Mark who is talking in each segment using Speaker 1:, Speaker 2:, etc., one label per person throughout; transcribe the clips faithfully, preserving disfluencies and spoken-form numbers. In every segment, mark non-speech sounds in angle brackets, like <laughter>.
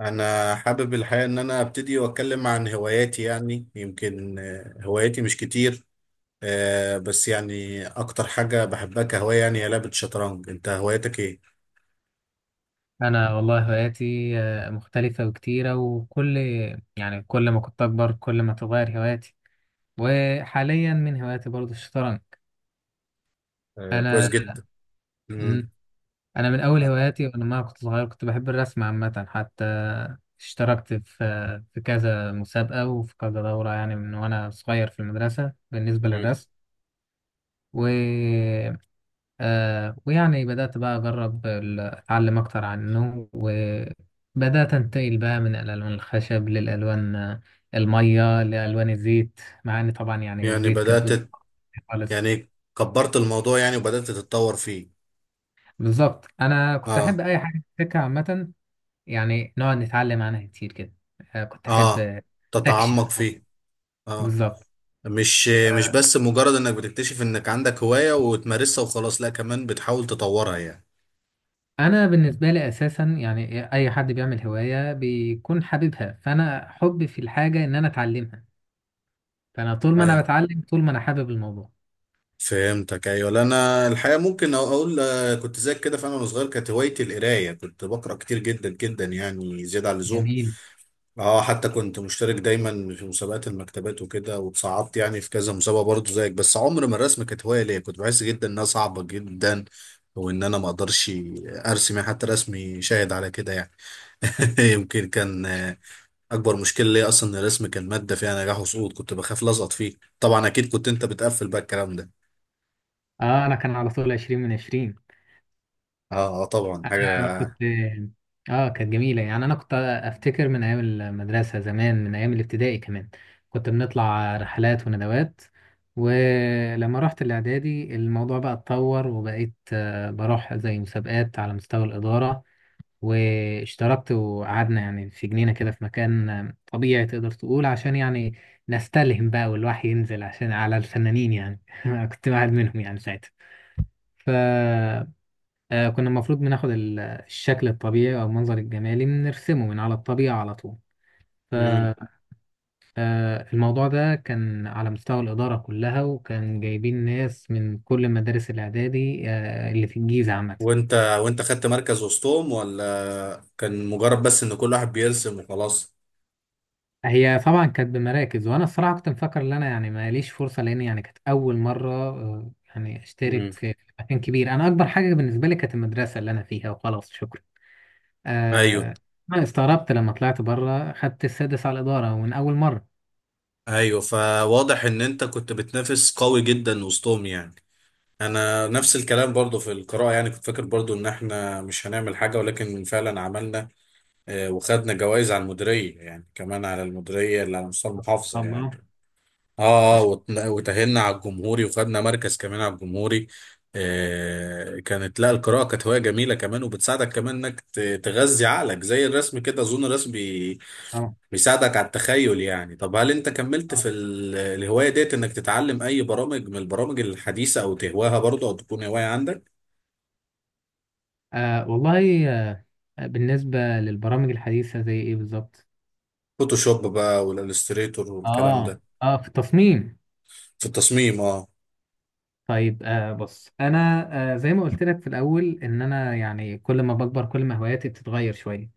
Speaker 1: انا حابب الحقيقه ان انا ابتدي واتكلم عن هواياتي يعني يمكن، آه، هواياتي مش كتير. آه، بس يعني اكتر حاجه بحبها كهوايه يعني هي لعبه الشطرنج. انت هوايتك ايه؟
Speaker 2: انا والله هواياتي، آه، مختلفه وكتيره وكل يعني كل ما كنت اكبر كل ما تتغير هواياتي. وحاليا من هواياتي برضو الشطرنج.
Speaker 1: آه، كويس
Speaker 2: انا
Speaker 1: جدا. مم.
Speaker 2: مم، انا من اول هواياتي وانا ما كنت صغير، كنت بحب الرسم عامه. حتى اشتركت في في كذا مسابقه وفي كذا دوره، يعني من وانا صغير في المدرسه بالنسبه
Speaker 1: مم.
Speaker 2: للرسم. و آه ويعني بدأت بقى أجرب ال- أتعلم أكتر عنه، وبدأت أنتقل بقى من الألوان الخشب للألوان آه، المية لألوان الزيت، مع إن طبعا يعني
Speaker 1: يعني
Speaker 2: الزيت كان بيبقى
Speaker 1: بدات.
Speaker 2: خالص.
Speaker 1: يعني كبرت الموضوع يعني وبدات تتطور فيه.
Speaker 2: بالظبط، أنا كنت
Speaker 1: اه.
Speaker 2: أحب أي حاجة في السكة عامة، يعني نقعد نتعلم عنها كتير كده. آه كنت أحب
Speaker 1: اه،
Speaker 2: آه، أستكشف
Speaker 1: تتعمق
Speaker 2: الأرض.
Speaker 1: فيه. اه،
Speaker 2: بالظبط.
Speaker 1: مش مش
Speaker 2: آه،
Speaker 1: بس مجرد انك بتكتشف انك عندك هوايه وتمارسها وخلاص، لا كمان بتحاول تطورها يعني.
Speaker 2: أنا بالنسبة لي أساسا يعني أي حد بيعمل هواية بيكون حاببها، فأنا حبي في الحاجة إن أنا أتعلمها. فانا طول ما انا بتعلم طول ما انا حابب الموضوع.
Speaker 1: فهمتك، ايوه، لا انا الحقيقه ممكن أ- اقول، آه، كنت زيك كده، فانا وانا صغير كانت هوايتي القرايه، كنت بقرا كتير جدا جدا يعني زياده عن اللزوم.
Speaker 2: جميل.
Speaker 1: اه، حتى كنت مشترك دايما في مسابقات المكتبات وكده وتصعدت يعني في كذا مسابقه برضه زيك، بس عمر ما الرسم كانت هوايه ليا، كنت بحس جدا انها صعبه جدا وان انا ما اقدرش ارسم يعني، حتى رسمي شاهد على كده يعني.
Speaker 2: <laughs>
Speaker 1: <laughs> يمكن كان آه، اكبر مشكله ليا اصلا ان الرسم كان ماده فيها نجاح وسقوط، كنت بخاف لازقط فيه طبعا. اكيد كنت انت بتقفل بقى الكلام ده.
Speaker 2: اه، انا كان على طول عشرين من عشرين.
Speaker 1: اه. آه، طبعا
Speaker 2: انا
Speaker 1: حاجة.
Speaker 2: كنت، اه كانت جميله، يعني انا كنت افتكر من ايام المدرسه زمان، من ايام الابتدائي كمان كنت بنطلع رحلات وندوات. ولما رحت الاعدادي الموضوع بقى اتطور، وبقيت آه، بروح زي مسابقات على مستوى الاداره. واشتركت وقعدنا يعني في جنينة كده، في مكان طبيعي تقدر تقول، عشان يعني نستلهم بقى والوحي ينزل عشان على الفنانين يعني. <laughs> أنا كنت واحد منهم يعني ساعتها. فكنا المفروض بناخد ال- الشكل الطبيعي أو المنظر الجمالي بنرسمه من على الطبيعة على طول.
Speaker 1: مم.
Speaker 2: فالموضوع ده كان على مستوى الإدارة كلها، وكان جايبين ناس من كل مدارس الإعدادي آه، اللي في الجيزة عامة.
Speaker 1: وانت وانت خدت مركز وسطهم، ولا كان مجرد بس ان كل واحد بيرسم وخلاص؟
Speaker 2: هي طبعا كانت بمراكز، وانا الصراحه كنت مفكر ان انا يعني ماليش فرصه، لان يعني كانت اول مره آه، يعني
Speaker 1: امم.
Speaker 2: اشترك في في مكان كبير. انا اكبر حاجه بالنسبه لي كانت المدرسه اللي انا فيها وخلاص، شكرا.
Speaker 1: ايوه.
Speaker 2: آه انا استغربت لما طلعت بره خدت السادس على الاداره، ومن اول مره.
Speaker 1: ايوه، فواضح ان انت كنت بتنافس قوي جدا وسطهم يعني. انا نفس الكلام برضو في القراءة يعني، كنت فاكر برضو ان احنا مش هنعمل حاجة ولكن فعلا عملنا. آه، وخدنا جوائز على المديرية يعني، كمان على المديرية اللي على مستوى المحافظة يعني.
Speaker 2: الله. ما
Speaker 1: اه اه
Speaker 2: شاء
Speaker 1: وت- وتأهلنا على الجمهوري وخدنا مركز كمان على الجمهوري. آه كانت، لا، القراءة كانت هواية جميلة كمان وبتساعدك كمان انك ت- تغذي عقلك زي الرسم كده. اظن الرسم بي-
Speaker 2: الله.
Speaker 1: بيساعدك على التخيل يعني. طب هل انت كملت في
Speaker 2: طبعاً.
Speaker 1: ال- الهواية ديت انك تتعلم اي برامج من البرامج الحديثة او تهواها برضه او تكون هواية عندك؟
Speaker 2: آه والله. آه بالنسبه للبرامج الحديثه زي ايه بالظبط؟
Speaker 1: فوتوشوب بقى والالستريتور والكلام
Speaker 2: اه،
Speaker 1: ده.
Speaker 2: اه، في التصميم.
Speaker 1: في التصميم اه.
Speaker 2: طيب، آه بص انا. آه زي ما قلت لك في الاول، ان انا يعني كل ما بكبر كل ما هواياتي بتتغير شويه.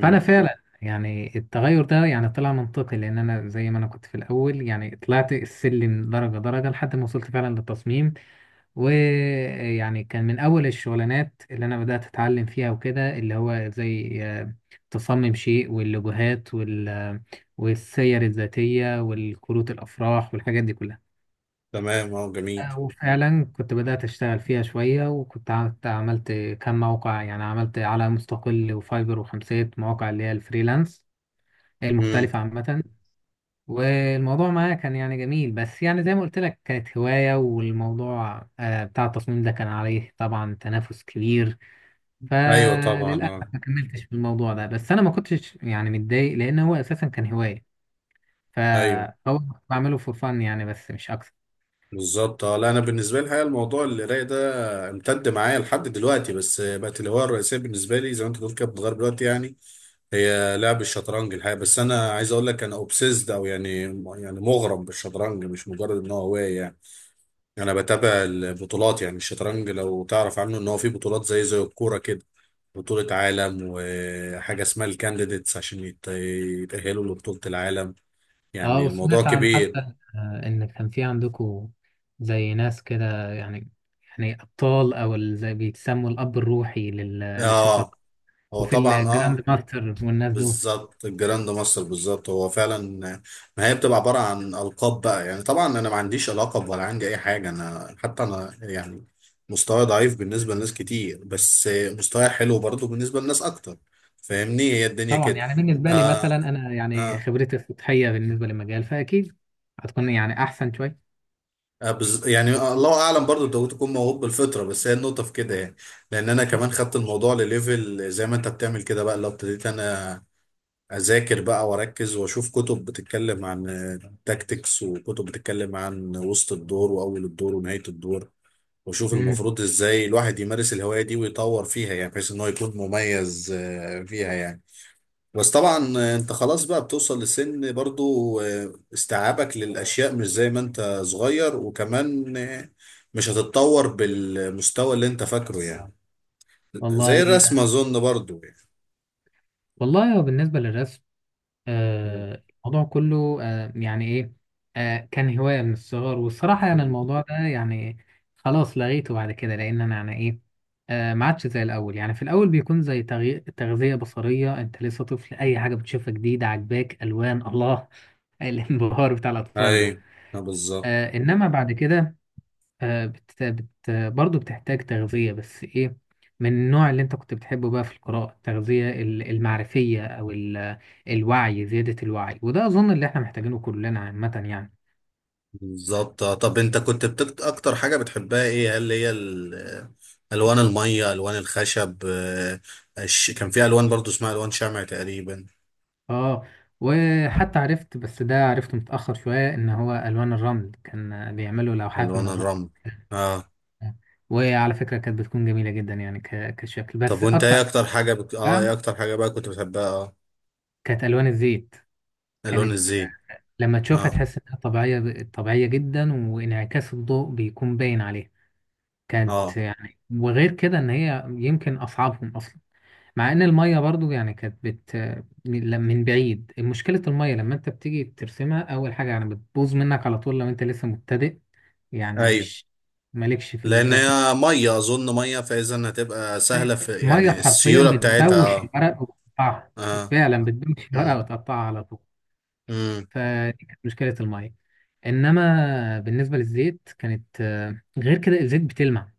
Speaker 2: فانا فعلا يعني التغير ده يعني طلع منطقي، لان انا زي ما انا كنت في الاول يعني طلعت السلم درجه درجه لحد ما وصلت فعلا للتصميم. ويعني كان من اول الشغلانات اللي انا بدات اتعلم فيها وكده، اللي هو زي آه، تصمم شيء واللوجوهات وال آه، والسير الذاتيه والكروت الافراح والحاجات دي كلها.
Speaker 1: تمام اه، جميل.
Speaker 2: وفعلا كنت بدأت أشتغل فيها شوية، وكنت عملت عملت كم موقع، يعني عملت على مستقل وفايبر وخمسات، مواقع اللي هي الفريلانس
Speaker 1: مم.
Speaker 2: المختلفة عامة. والموضوع معايا كان يعني جميل، بس يعني زي ما قلت لك كانت هواية، والموضوع آه، بتاع التصميم ده كان عليه طبعا تنافس كبير.
Speaker 1: ايوه طبعا
Speaker 2: فللأسف
Speaker 1: اه.
Speaker 2: ما كملتش في الموضوع ده، بس أنا ما كنتش يعني متضايق لأن هو أساسا كان هواية.
Speaker 1: ايوه
Speaker 2: فهو بعمله فور فن يعني، بس مش أكتر.
Speaker 1: بالظبط اه، لا انا بالنسبه لي الحقيقه الموضوع القرايه ده امتد معايا لحد دلوقتي، بس بقت الهوايه الرئيسيه بالنسبه لي زي ما انت بتقول كده بتتغير دلوقتي يعني. هي لعب الشطرنج الحقيقه، بس انا عايز اقول لك انا اوبسيسد او يعني، يعني مغرم بالشطرنج مش مجرد ان هو هوايه يعني. انا بتابع البطولات يعني. الشطرنج لو تعرف عنه ان هو في بطولات زي زي الكوره كده، بطوله عالم وحاجه اسمها الكانديديتس عشان يت- يتاهلوا لبطوله العالم.
Speaker 2: اه،
Speaker 1: يعني الموضوع
Speaker 2: وسمعت عن
Speaker 1: كبير.
Speaker 2: حتى آه، ان كان في عندكم زي ناس كده، يعني يعني ابطال، او ال- زي بيتسموا الاب الروحي لل- للشطر.
Speaker 1: اه، هو
Speaker 2: وفي
Speaker 1: طبعا،
Speaker 2: الجراند
Speaker 1: اه،
Speaker 2: ماستر والناس دول.
Speaker 1: بالظبط الجراند ماستر، بالظبط هو فعلا، ما هي بتبقى عباره عن القاب بقى يعني. طبعا انا ما عنديش لقب ولا عندي اي حاجه، انا حتى انا يعني مستواي ضعيف بالنسبه لناس كتير، بس مستواي حلو برضو بالنسبه لناس اكتر، فاهمني، هي الدنيا
Speaker 2: طبعا
Speaker 1: كده.
Speaker 2: يعني بالنسبه لي مثلا
Speaker 1: آه.
Speaker 2: انا يعني
Speaker 1: آه.
Speaker 2: خبرتي السطحيه بالنسبه للمجال، فاكيد هتكون يعني احسن شويه.
Speaker 1: آه، بز... يعني الله اعلم برضو انت ممكن تكون موهوب بالفطره، بس هي النقطه في كده يعني. لان انا كمان خدت الموضوع لليفل زي ما انت بتعمل كده بقى، لو ابتديت انا اذاكر بقى واركز واشوف كتب بتتكلم عن تاكتكس وكتب بتتكلم عن وسط الدور واول الدور ونهايه الدور، واشوف
Speaker 2: أمم،
Speaker 1: المفروض ازاي الواحد يمارس الهوايه دي ويطور فيها يعني بحيث ان هو يكون مميز آه، فيها يعني. بس طبعا آه، انت خلاص بقى بتوصل لسن برضو، آه، استيعابك للاشياء مش زي ما انت صغير، وكمان آه، مش هتتطور بالمستوى اللي انت فاكره يعني، زي
Speaker 2: والله. آه،
Speaker 1: الرسم اظن برضو يعني.
Speaker 2: والله هو بالنسبه للرسم،
Speaker 1: مم.
Speaker 2: آه، الموضوع كله آه، يعني ايه. آه، كان هواية من الصغر، والصراحة يعني الموضوع ده يعني خلاص لغيته بعد كده، لأن أنا يعني ايه. آه، ما عادش زي الأول. يعني في الأول بيكون زي تغي- تغذية بصرية، أنت لسه طفل أي حاجة بتشوفها جديدة عجباك، ألوان، الله. <laughs> الانبهار بتاع الأطفال ده.
Speaker 1: ايوه آه، بالظبط
Speaker 2: آه، إنما بعد كده آه، بت... بت... برضه بتحتاج تغذية، بس إيه؟ من النوع اللي أنت كنت بتحبه بقى في القراءة، التغذية ال- المعرفية أو ال... الوعي، زيادة الوعي، وده أظن اللي إحنا محتاجينه كلنا عامة يعني.
Speaker 1: بالظبط. آه، طب انت كنت بتكت... اكتر حاجة بتحبها ايه؟ هل هي ال... الوان المية، الوان الخشب، آه، الش... كان في الوان برضو اسمها الوان شمع تقريبا.
Speaker 2: آه وحتى عرفت، بس ده عرفته متأخر شوية، إن هو ألوان الرمل كان بيعملوا لوحات من
Speaker 1: الوان
Speaker 2: الرمل.
Speaker 1: الرمل اه.
Speaker 2: وعلى فكرة كانت بتكون جميلة جدا، يعني ك... كشكل.
Speaker 1: طب
Speaker 2: بس
Speaker 1: وانت
Speaker 2: أكتر
Speaker 1: ايه اكتر حاجة بت... اه، ايه
Speaker 2: حاجة
Speaker 1: اكتر حاجة بقى كنت بتحبها؟ اه،
Speaker 2: كانت ألوان الزيت.
Speaker 1: الوان
Speaker 2: كانت
Speaker 1: الزيت.
Speaker 2: لما تشوفها
Speaker 1: اه
Speaker 2: تحس إنها طبيعية طبيعية جدا، وانعكاس الضوء بيكون باين عليها. كانت
Speaker 1: اه
Speaker 2: يعني، وغير كده ان هي يمكن اصعبهم اصلا. مع ان الميه برضو يعني كانت بت من من بعيد مشكله الميه. لما انت بتيجي ترسمها اول حاجه يعني بتبوظ منك على طول، لو انت لسه مبتدئ يعني
Speaker 1: ايوه،
Speaker 2: مش مالكش في
Speaker 1: لان
Speaker 2: الرسم.
Speaker 1: هي مية اظن مية، فاذا هتبقى سهلة في
Speaker 2: ميه
Speaker 1: يعني
Speaker 2: حرفيا
Speaker 1: السيولة بتاعتها
Speaker 2: بتبوش
Speaker 1: اه.
Speaker 2: الورق وتقطعها.
Speaker 1: اه.
Speaker 2: فعلا بتبوش
Speaker 1: امم.
Speaker 2: الورق وتقطعها على طول.
Speaker 1: امم.
Speaker 2: فدي كانت مشكله الميه. انما بالنسبه للزيت كانت آه، غير كده. الزيت بتلمع،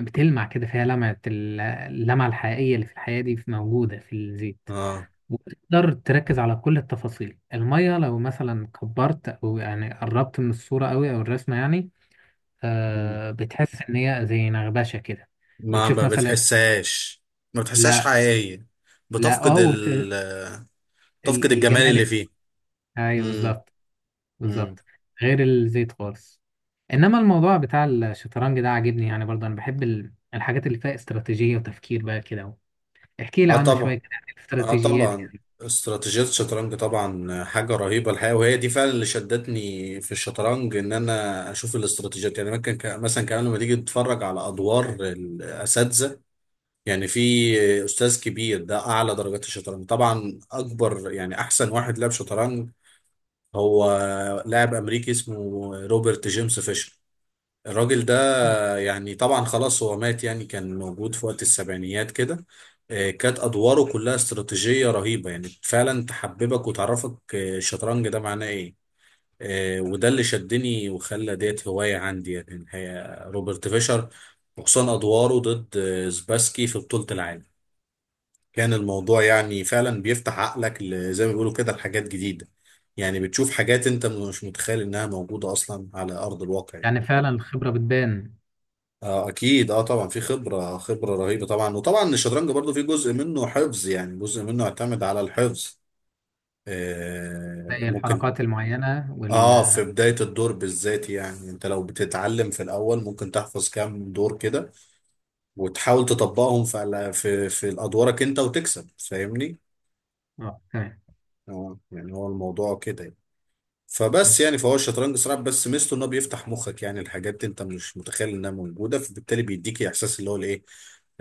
Speaker 2: بتلمع كده فيها لمعه، ال- اللمعه الحقيقيه اللي في الحياه دي، في- موجوده في الزيت.
Speaker 1: اه،
Speaker 2: وتقدر تركز على كل التفاصيل. الميه لو مثلا كبرت او يعني قربت من الصوره قوي او الرسمه، يعني آه، بتحس ان هي زي نغبشه كده.
Speaker 1: ما
Speaker 2: بتشوف
Speaker 1: ما
Speaker 2: مثلا،
Speaker 1: بتحسهاش. ما بتحسهاش
Speaker 2: لا،
Speaker 1: حقيقية،
Speaker 2: لا،
Speaker 1: بتفقد
Speaker 2: اه. وت-
Speaker 1: ال تفقد
Speaker 2: ال-
Speaker 1: الجمال
Speaker 2: الجمال.
Speaker 1: اللي فيه.
Speaker 2: ايوه
Speaker 1: امم.
Speaker 2: بالظبط.
Speaker 1: امم.
Speaker 2: بالظبط، غير الزيت خالص. انما الموضوع بتاع الشطرنج ده عاجبني يعني برضه. انا بحب ال- الحاجات اللي فيها استراتيجية وتفكير بقى كده. احكي لي
Speaker 1: اه
Speaker 2: عنه شوية
Speaker 1: طبعا.
Speaker 2: كده، يعني
Speaker 1: اه
Speaker 2: الاستراتيجيات
Speaker 1: طبعا،
Speaker 2: يعني.
Speaker 1: استراتيجية الشطرنج طبعا حاجة رهيبة الحقيقة، وهي دي فعلا اللي شدتني في الشطرنج ان انا اشوف الاستراتيجيات يعني. ممكن ك- مثلا كمان لما تيجي تتفرج على ادوار الاساتذة، يعني في استاذ كبير، ده اعلى درجات الشطرنج طبعا، اكبر يعني احسن واحد لعب شطرنج، هو لاعب امريكي اسمه روبرت جيمس فيشر. الراجل ده يعني طبعا خلاص هو مات يعني، كان موجود في وقت السبعينيات كده. آه، كانت أدواره كلها استراتيجية رهيبة يعني، فعلا تحببك وتعرفك آه، الشطرنج ده معناه إيه. آه، وده اللي شدني وخلى ديت هواية عندي يعني الحقيقة روبرت فيشر، وخصوصا أدواره ضد آه، سباسكي في بطولة العالم. كان الموضوع يعني فعلا بيفتح عقلك ل- زي ما بيقولوا كده لحاجات جديدة، يعني بتشوف حاجات انت مش متخيل انها موجودة اصلا على ارض الواقع يعني.
Speaker 2: يعني فعلا الخبرة بتبان.
Speaker 1: اه اكيد اه طبعا، في خبره خبره رهيبه طبعا. وطبعا الشطرنج برضو في جزء منه حفظ، يعني جزء منه يعتمد على الحفظ. آه
Speaker 2: زي
Speaker 1: ممكن
Speaker 2: الحركات المعينة وال
Speaker 1: اه، في بدايه الدور بالذات يعني، انت لو بتتعلم في الاول ممكن تحفظ كام دور كده، وتحاول تطبقهم في على- في في ادوارك انت وتكسب، فاهمني.
Speaker 2: آه، تمام.
Speaker 1: اه، يعني هو الموضوع كده.
Speaker 2: مم،
Speaker 1: فبس يعني فهو الشطرنج صراحة، بس ميزته ان هو بيفتح مخك يعني الحاجات انت مش متخيل انها موجودة، فبالتالي بيديك احساس اللي هو الايه،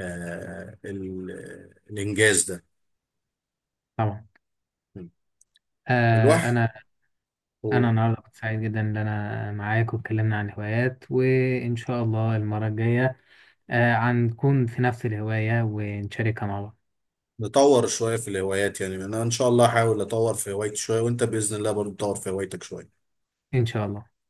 Speaker 1: آه ال- الانجاز ده.
Speaker 2: طبعا. آه
Speaker 1: الواحد،
Speaker 2: انا انا
Speaker 1: هو،
Speaker 2: النهارده كنت سعيد جدا ان انا معاك واتكلمنا عن هوايات، وان شاء الله المرة الجاية آه هنكون في نفس الهواية ونشاركها مع بعض.
Speaker 1: نطور شوية في الهوايات يعني. انا ان شاء الله هحاول اطور في هوايتي شوية، وانت بإذن الله برضه تطور في هوايتك شوية.
Speaker 2: ان شاء الله.